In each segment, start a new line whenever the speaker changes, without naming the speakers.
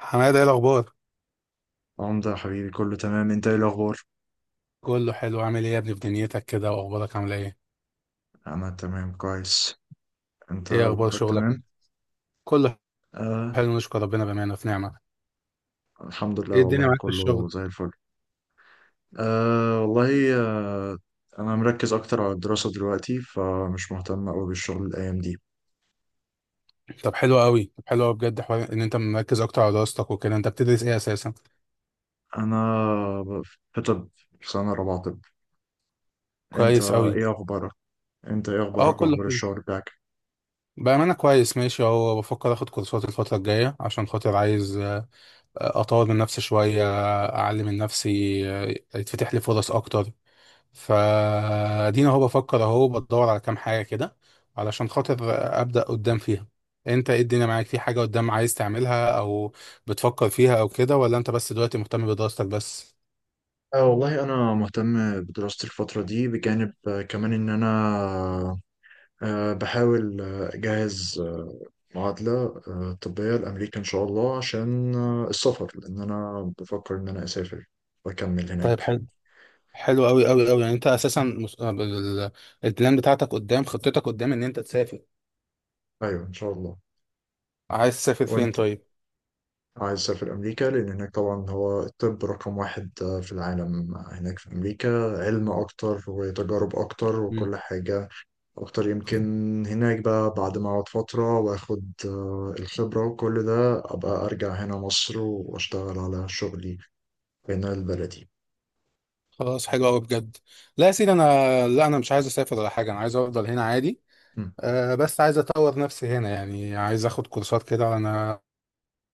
حماده، ايه الاخبار؟
عمدة يا حبيبي، كله تمام، انت ايه الاخبار؟
كله حلو. عامل ايه يا ابني في دنيتك كده، واخبارك عامله ايه؟
انا تمام، كويس. انت
ايه اخبار
امورك
شغلك؟
تمام؟
كله
آه.
حلو، نشكر ربنا، بامانه في نعمه.
الحمد لله،
ايه الدنيا
والله
معاك في
كله
الشغل؟
زي الفل. آه، والله، آه. انا مركز اكتر على الدراسة دلوقتي، فمش مهتم قوي بالشغل الايام دي.
طب حلو قوي بجد، حوار ان انت مركز اكتر على دراستك وكده. انت بتدرس ايه اساسا؟
انا ب- في طب. في سنة رابعة طب. انت
كويس قوي.
ايه اخبارك انت ايه
اه
اخبارك
كله
واخبار
حلو،
الشغل بتاعك؟
بامانه كويس، ماشي اهو. بفكر اخد كورسات الفتره الجايه عشان خاطر عايز اطور من نفسي شويه، اعلم من نفسي، آه، يتفتح لي فرص اكتر. فادينا اهو، بفكر اهو بدور على كام حاجه كده علشان خاطر ابدا قدام فيها. انت ايه الدنيا معاك؟ في حاجه قدام عايز تعملها، او بتفكر فيها، او كده؟ ولا انت بس دلوقتي مهتم بدراستك بس؟
آه، والله انا مهتم بدراستي الفترة دي، بجانب كمان ان انا بحاول أجهز معادلة طبية لأمريكا إن شاء الله، عشان السفر، لأن أنا بفكر إن أنا أسافر وأكمل
طيب،
هناك.
حلو حلو قوي قوي قوي. يعني انت اساسا البلان بتاعتك قدام، خطتك قدام ان انت تسافر.
أيوه، إن شاء الله.
عايز تسافر فين
وأنت؟
طيب؟
عايز تسافر أمريكا، لأن هناك طبعا هو الطب رقم 1 في العالم، هناك في أمريكا. علم أكتر وتجارب أكتر
مم.
وكل حاجة أكتر يمكن. هناك بقى بعد ما أقعد فترة وآخد الخبرة وكل ده، أبقى أرجع هنا مصر وأشتغل على شغلي هنا البلدي.
خلاص حلو قوي بجد. لا يا سيدي، انا مش عايز اسافر ولا حاجه، انا عايز افضل هنا عادي. بس عايز اطور نفسي هنا، يعني عايز اخد كورسات كده. انا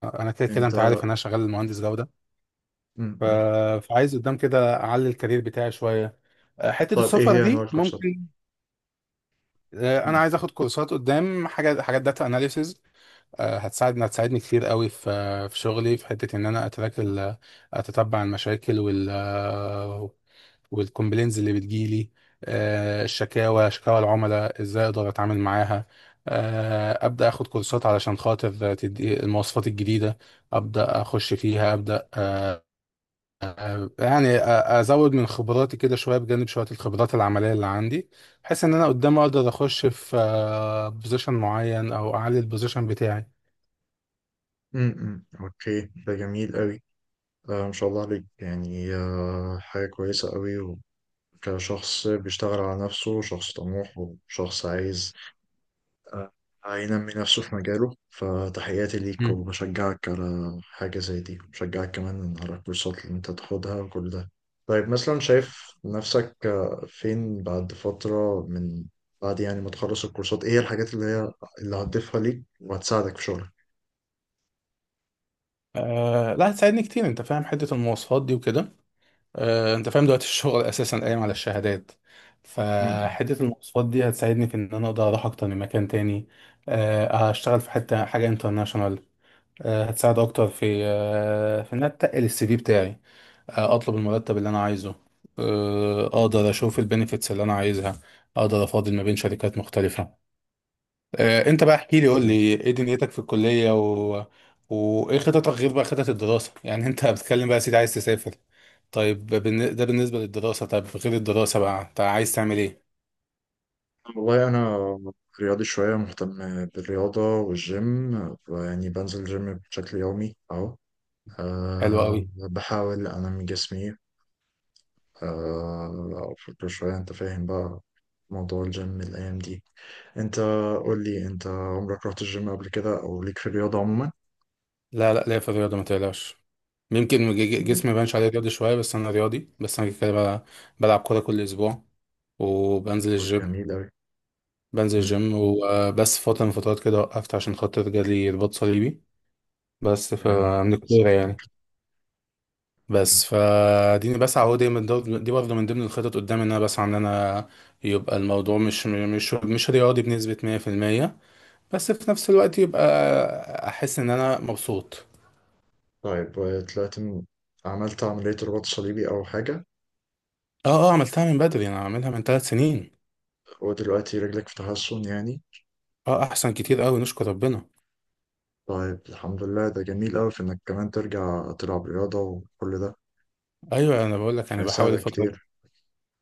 انا كده كده،
انت
انت عارف إن انا شغال مهندس جوده.
م
ف...
-م.
فعايز قدام كده اعلي الكارير بتاعي شويه، حته
طيب، ايه
السفر
هي انواع
دي
الكورسات؟
ممكن. انا
م-
عايز اخد كورسات قدام حاجات داتا اناليسز هتساعدني كتير قوي، في شغلي، في حته ان انا اتراك اتتبع المشاكل والكومبلينز اللي بتجيلي، شكاوى العملاء ازاي اقدر اتعامل معاها. ابدا اخد كورسات علشان خاطر تدي المواصفات الجديده، ابدا اخش فيها ابدا، يعني ازود من خبراتي كده شويه بجانب شويه الخبرات العمليه اللي عندي، بحيث ان انا قدام اقدر اخش في بوزيشن معين او اعلي البوزيشن بتاعي.
م- م. اوكي، ده جميل قوي. ما شاء الله عليك، يعني حاجة كويسة قوي. وكشخص بيشتغل على نفسه، شخص طموح وشخص عايز آه، هينمي نفسه في مجاله، فتحياتي ليك
مم.
وبشجعك على حاجة زي دي، وبشجعك كمان على الكورسات اللي انت تاخدها وكل ده. طيب، مثلا شايف نفسك فين بعد فترة، من بعد يعني ما تخلص الكورسات؟ ايه هي الحاجات اللي هتضيفها ليك وهتساعدك في شغلك؟
أه، لا هتساعدني كتير، انت فاهم حته المواصفات دي وكده. أه، انت فاهم دلوقتي الشغل اساسا قايم على الشهادات،
امم.
فحته المواصفات دي هتساعدني في ان انا اقدر اروح اكتر من مكان تاني. أه، هشتغل في حته حاجه انترناشونال، أه هتساعد اكتر في في ان انا اتقل السي في بتاعي، اطلب المرتب اللي انا عايزه، اقدر اشوف البنفيتس اللي انا عايزها، اقدر افاضل ما بين شركات مختلفة. انت بقى احكي لي، قول لي
تمام.
ايه دنيتك في الكلية، وايه خططك غير بقى خطط الدراسة؟ يعني انت بتتكلم بقى يا سيدي عايز تسافر، طيب، ده بالنسبة للدراسة، طب غير الدراسة بقى انت عايز تعمل ايه؟
والله انا رياضي شويه، مهتم بالرياضه والجيم، يعني بنزل جيم بشكل يومي اهو.
حلو قوي.
بحاول انمي جسمي. أفكر شوية. أنت فاهم بقى موضوع الجيم الأيام دي. أنت قول لي، أنت عمرك رحت الجيم قبل كده، أو ليك في الرياضة عموما؟
لا لا، ليا في الرياضة ما تقلقش، يمكن
مم.
جسمي ما يبانش عليه رياضي شوية، بس انا رياضي، بس انا كده بقى، بلعب كورة كل اسبوع وبنزل الجيم.
جميل أوي.
بنزل
مم.
جيم وبس فترة من فترات كده وقفت عشان خاطر جالي رباط صليبي، بس
يا،
من
بسم
الكورة
الله عليك.
يعني. بس فاديني بسعى اهو دايما، دي برضه من ضمن الخطط قدامي، ان انا بسعى ان انا يبقى الموضوع مش رياضي بنسبة 100%، بس في نفس الوقت يبقى احس ان انا مبسوط.
طيب، طلعت من- عملت عملية رباط صليبي أو حاجة؟
اه اه، عملتها من بدري، انا عاملها من 3 سنين.
ودلوقتي رجلك في تحسن يعني؟
اه، احسن كتير قوي، نشكر ربنا.
طيب، الحمد لله. ده جميل أوي في إنك كمان ترجع تلعب رياضة وكل ده.
ايوه انا بقول لك يعني، بحاول
هيساعدك
الفترة.
كتير.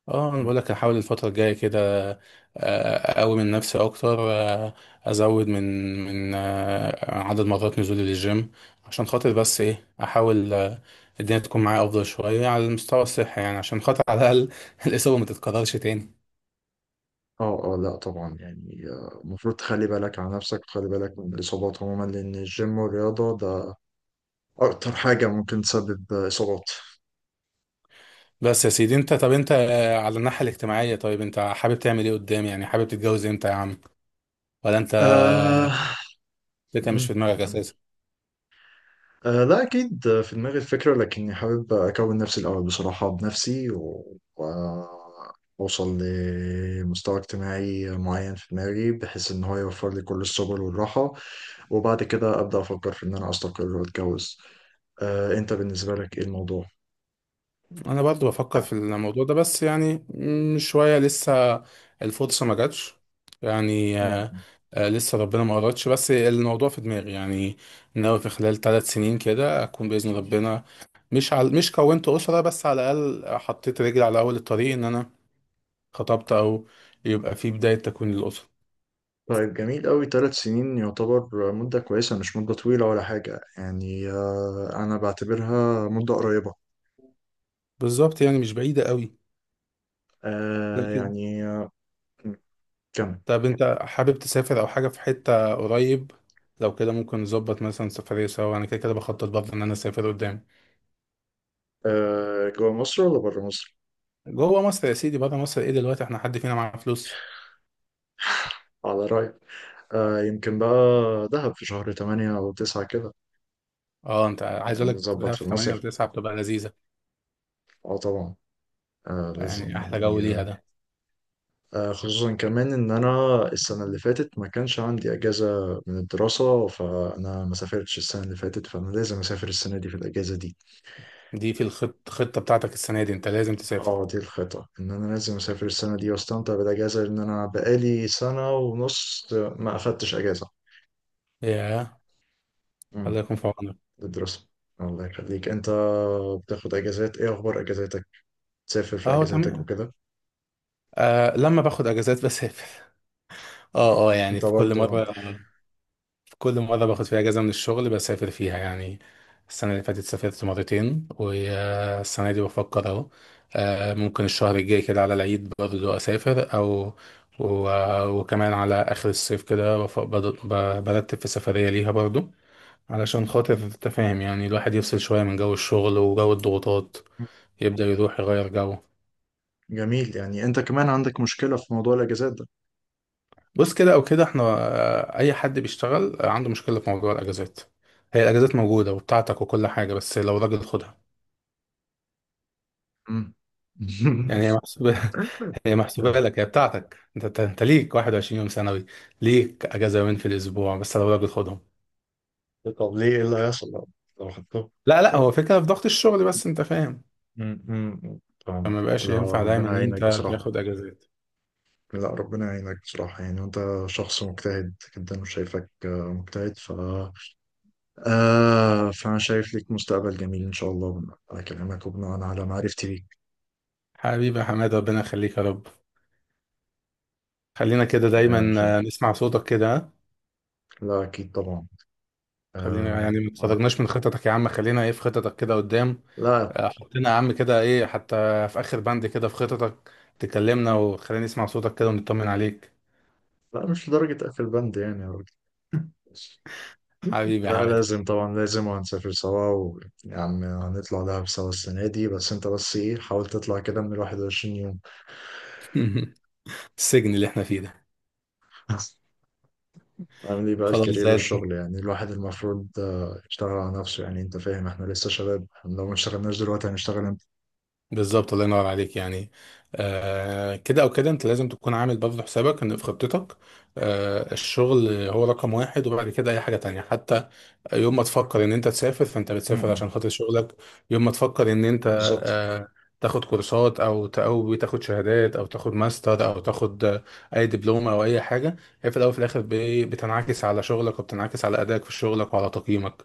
اه انا بقول لك هحاول الفتره الجايه كده اقوي من نفسي اكتر، ازود من عدد مرات نزولي للجيم عشان خاطر، بس ايه احاول، الدنيا تكون معايا افضل شويه على المستوى الصحي، يعني عشان خاطر على الاقل الاصابه ما تتكررش تاني.
اه، اه، لا، طبعا يعني المفروض تخلي بالك على نفسك وتخلي بالك من الإصابات عموما، لأن الجيم والرياضة ده أكتر حاجة ممكن تسبب إصابات.
بس يا سيدي انت، طب انت، على الناحيه الاجتماعيه، طيب انت حابب تعمل ايه قدام؟ يعني حابب تتجوز امتى يا عم؟ ولا انت
آه...
فكره مش
م-
في دماغك
م.
اساسا؟
لا، أكيد في دماغي الفكرة، لكني حابب أكون نفسي الأول بصراحة، بنفسي وأوصل لمستوى اجتماعي معين في دماغي، بحيث إن هو يوفر لي كل السبل والراحة. وبعد كده أبدأ أفكر في إن أنا أستقر وأتجوز. أنت بالنسبة لك إيه الموضوع؟
انا برضو بفكر في الموضوع ده، بس يعني شوية لسه، الفرصة ما جاتش يعني،
م-
لسه ربنا ما قررتش، بس الموضوع في دماغي يعني، ناوي في خلال 3 سنين كده اكون بإذن ربنا، مش كونت أسرة، بس على الأقل حطيت رجلي على أول الطريق ان انا خطبت، او يبقى في بداية تكوين الأسرة.
طيب، جميل أوي. 3 سنين يعتبر مدة كويسة، مش مدة طويلة ولا حاجة يعني. أنا بعتبرها مدة قريبة.
بالظبط، يعني مش بعيدة قوي.
آه،
لكن،
يعني آه، كم
طب انت حابب تسافر او حاجة في حتة قريب؟ لو كده ممكن نظبط مثلا سفرية سوا، انا كده كده بخطط برضه ان انا اسافر قدام.
آه، جوا مصر ولا برا مصر؟
جوه مصر يا سيدي، بره مصر ايه، دلوقتي احنا حد فينا معاه فلوس؟
على رأيك. يمكن بقى دهب في شهر 8 أو 9 كده.
اه، انت عايز
يعني
اقول لك
نظبط
ده،
في
في 8
المصيف.
و9 بتبقى لذيذه،
اه، طبعا. لازم
يعني احلى جو
يعني.
ليها
آه،
ده.
خصوصا كمان إن أنا السنة اللي فاتت ما كانش عندي أجازة من الدراسة، فأنا ما سافرتش السنة اللي فاتت، فأنا لازم أسافر السنة دي في الأجازة دي.
دي في خطه بتاعتك السنه دي، انت لازم تسافر.
اه، دي الخطة ان انا لازم اسافر السنة دي، واستمتع بالاجازة، لان انا بقالي سنة ونص ما اخدتش اجازة.
ياه، الله
امم.
يكون في عونك.
للدراسة. الله يخليك. انت بتاخد اجازات؟ ايه اخبار اجازاتك؟ تسافر في
اه
اجازاتك
تمام.
وكده؟
آه لما باخد اجازات بسافر، اه اه يعني
انت
في كل
برضو.
مره، كل مرة باخد
مم.
فيها أجازة من الشغل بسافر فيها يعني. السنة اللي فاتت سافرت مرتين، والسنة دي بفكر أهو، ممكن الشهر الجاي كده على العيد برضه أسافر، أو وكمان على آخر الصيف كده برتب في سفرية ليها برضه، علشان خاطر تفاهم، يعني الواحد يفصل شوية من جو الشغل وجو الضغوطات، يبدأ يروح يغير جو.
جميل، يعني انت كمان عندك مشكلة في موضوع الاجازات ده؟
بص، كده أو كده احنا، أي حد بيشتغل عنده مشكلة في موضوع الأجازات، هي الأجازات موجودة وبتاعتك وكل حاجة، بس لو راجل خدها،
مم.
يعني هي محسوبة. هي محسوبة لك، هي بتاعتك انت، أنت ليك 21 يوم سنوي، ليك اجازة يومين في الاسبوع، بس لو راجل خدهم.
طب، ليه؟ ايه اللي هيحصل لو خدته؟
لا لا، هو فكرة في ضغط الشغل، بس انت فاهم،
مم. مم. فاهم.
فما بقاش
لا،
ينفع دايما
ربنا
ان انت
يعينك بصراحة.
تاخد اجازات.
لا، ربنا يعينك بصراحة يعني، وانت شخص مجتهد جدا، وشايفك مجتهد. ف آه فأنا شايف ليك مستقبل جميل إن شاء الله، بناء على كلامك وبناء على معرفتي ليك.
حبيبي يا حماد، ربنا يخليك يا رب، خلينا كده
آه،
دايما
خليك.
نسمع صوتك كده.
لا، أكيد طبعا.
خلينا
آه،
يعني، ما
طبعاً.
تخرجناش من خططك يا عم، خلينا ايه في خططك كده قدام،
لا،
حطينا يا عم كده ايه حتى في اخر بند كده في خططك، تكلمنا وخلينا نسمع صوتك كده ونطمن عليك.
لا، مش لدرجة أقفل بند يعني يا راجل، بس.
حبيبي يا
لا،
حماد.
لازم طبعا لازم. وهنسافر سوا، ويا عم هنطلع دهب سوا السنة دي، بس انت، بس ايه، حاول تطلع كده من 21 يوم.
السجن اللي احنا فيه ده.
عامل ايه بقى
خلاص
الكارير
زي الفل.
والشغل؟ يعني الواحد المفروض يشتغل على نفسه. يعني انت فاهم، احنا لسه شباب، احنا لو ما اشتغلناش دلوقتي هنشتغل امتى؟
بالظبط، الله ينور عليك يعني. كده او كده انت لازم تكون عامل برضه حسابك، ان في خطتك، آه الشغل هو رقم واحد، وبعد كده اي حاجه تانية حتى، يوم ما تفكر ان انت تسافر فانت بتسافر
امم.
عشان خاطر شغلك، يوم ما تفكر ان انت
بالظبط.
آه تاخد كورسات، او او تاخد شهادات، او تاخد ماستر، او تاخد اي دبلومه او اي حاجه، هي في الاول وفي الاخر بتنعكس على شغلك، وبتنعكس على ادائك في شغلك وعلى تقييمك،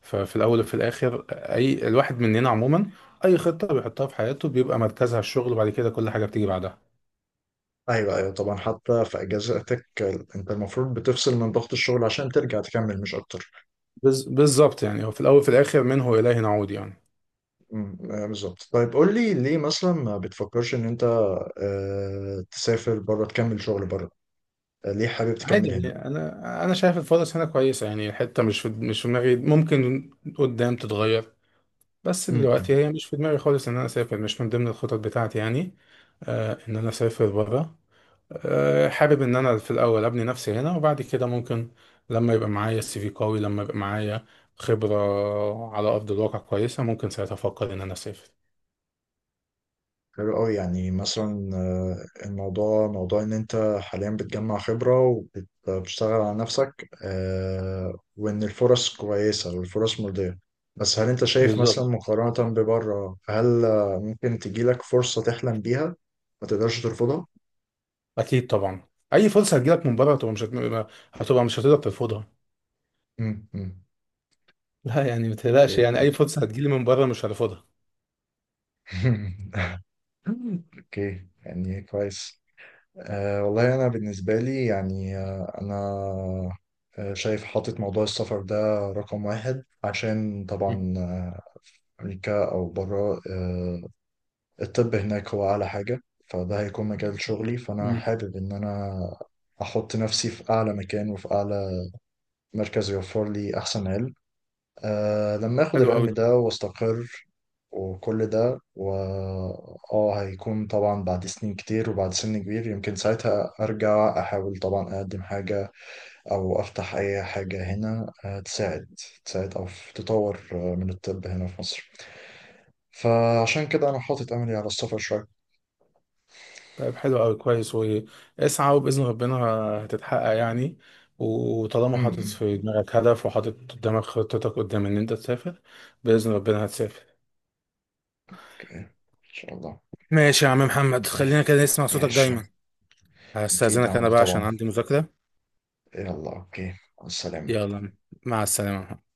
ففي الاول وفي الاخر، اي الواحد مننا عموما اي خطه بيحطها في حياته بيبقى مركزها الشغل، وبعد كده كل حاجه بتيجي بعدها.
ايوه، ايوه، طبعا. حتى في اجازاتك انت المفروض بتفصل من ضغط الشغل عشان ترجع تكمل، مش اكتر.
بالظبط، يعني هو في الاول وفي الاخر منه اليه نعود يعني.
امم. بالظبط. طيب، قول لي ليه مثلا ما بتفكرش ان انت تسافر بره، تكمل شغل بره؟ ليه حابب
عادي،
تكمل هنا؟
يعني انا شايف الفرص هنا كويسه، يعني الحته مش في دماغي، ممكن قدام تتغير، بس دلوقتي
امم.
هي مش في دماغي خالص ان انا اسافر، مش من ضمن الخطط بتاعتي يعني، آه ان انا اسافر بره، آه حابب ان انا في الاول ابني نفسي هنا، وبعد كده ممكن لما يبقى معايا السي في قوي، لما يبقى معايا خبره على ارض الواقع كويسه، ممكن ساعتها افكر ان انا اسافر.
حلو أوي، يعني مثلا الموضوع موضوع إن أنت حاليا بتجمع خبرة وبتشتغل على نفسك، وإن الفرص كويسة والفرص مرضية. بس هل أنت شايف مثلا،
بالظبط.
مقارنة ببره، هل ممكن تجيلك فرصة تحلم بيها ما تقدرش ترفضها؟
اكيد طبعا، اي فرصه هتجيلك من بره، هتبقى مش هتقدر ترفضها.
امم، امم.
لا يعني ما تقلقش،
اوكي،
يعني اي
فهمت.
فرصه هتجيلي من بره مش هرفضها.
اوكي، يعني كويس. والله أنا بالنسبة لي يعني أنا شايف، حاطط موضوع السفر ده رقم 1، عشان
مم.
طبعا أمريكا أو برا. الطب هناك هو أعلى حاجة. فده هيكون مجال شغلي، فأنا
مم.
حابب إن أنا أحط نفسي في أعلى مكان وفي أعلى مركز يوفر لي أحسن علم. لما اخد
حلو قوي
العلم
ده.
ده واستقر وكل ده و اه هيكون طبعا بعد سنين كتير وبعد سن كبير. يمكن ساعتها ارجع احاول طبعا اقدم حاجة او افتح اي حاجة هنا تساعد، تساعد او تطور من الطب هنا في مصر. فعشان كده انا حاطط املي على السفر شوية.
طيب حلو قوي كويس، واسعى وباذن ربنا هتتحقق يعني، وطالما حاطط
امم.
في دماغك هدف وحاطط قدامك خطتك قدام ان انت تسافر، باذن ربنا هتسافر.
اوكي، ان شاء الله.
ماشي يا عم محمد،
إيه،
خلينا كده نسمع صوتك
ماشي.
دايما.
اكيد
هستأذنك انا
عنده
بقى عشان
طبعا.
عندي مذاكره.
يلا، اوكي. السلام.
يلا، مع السلامه يا محمد.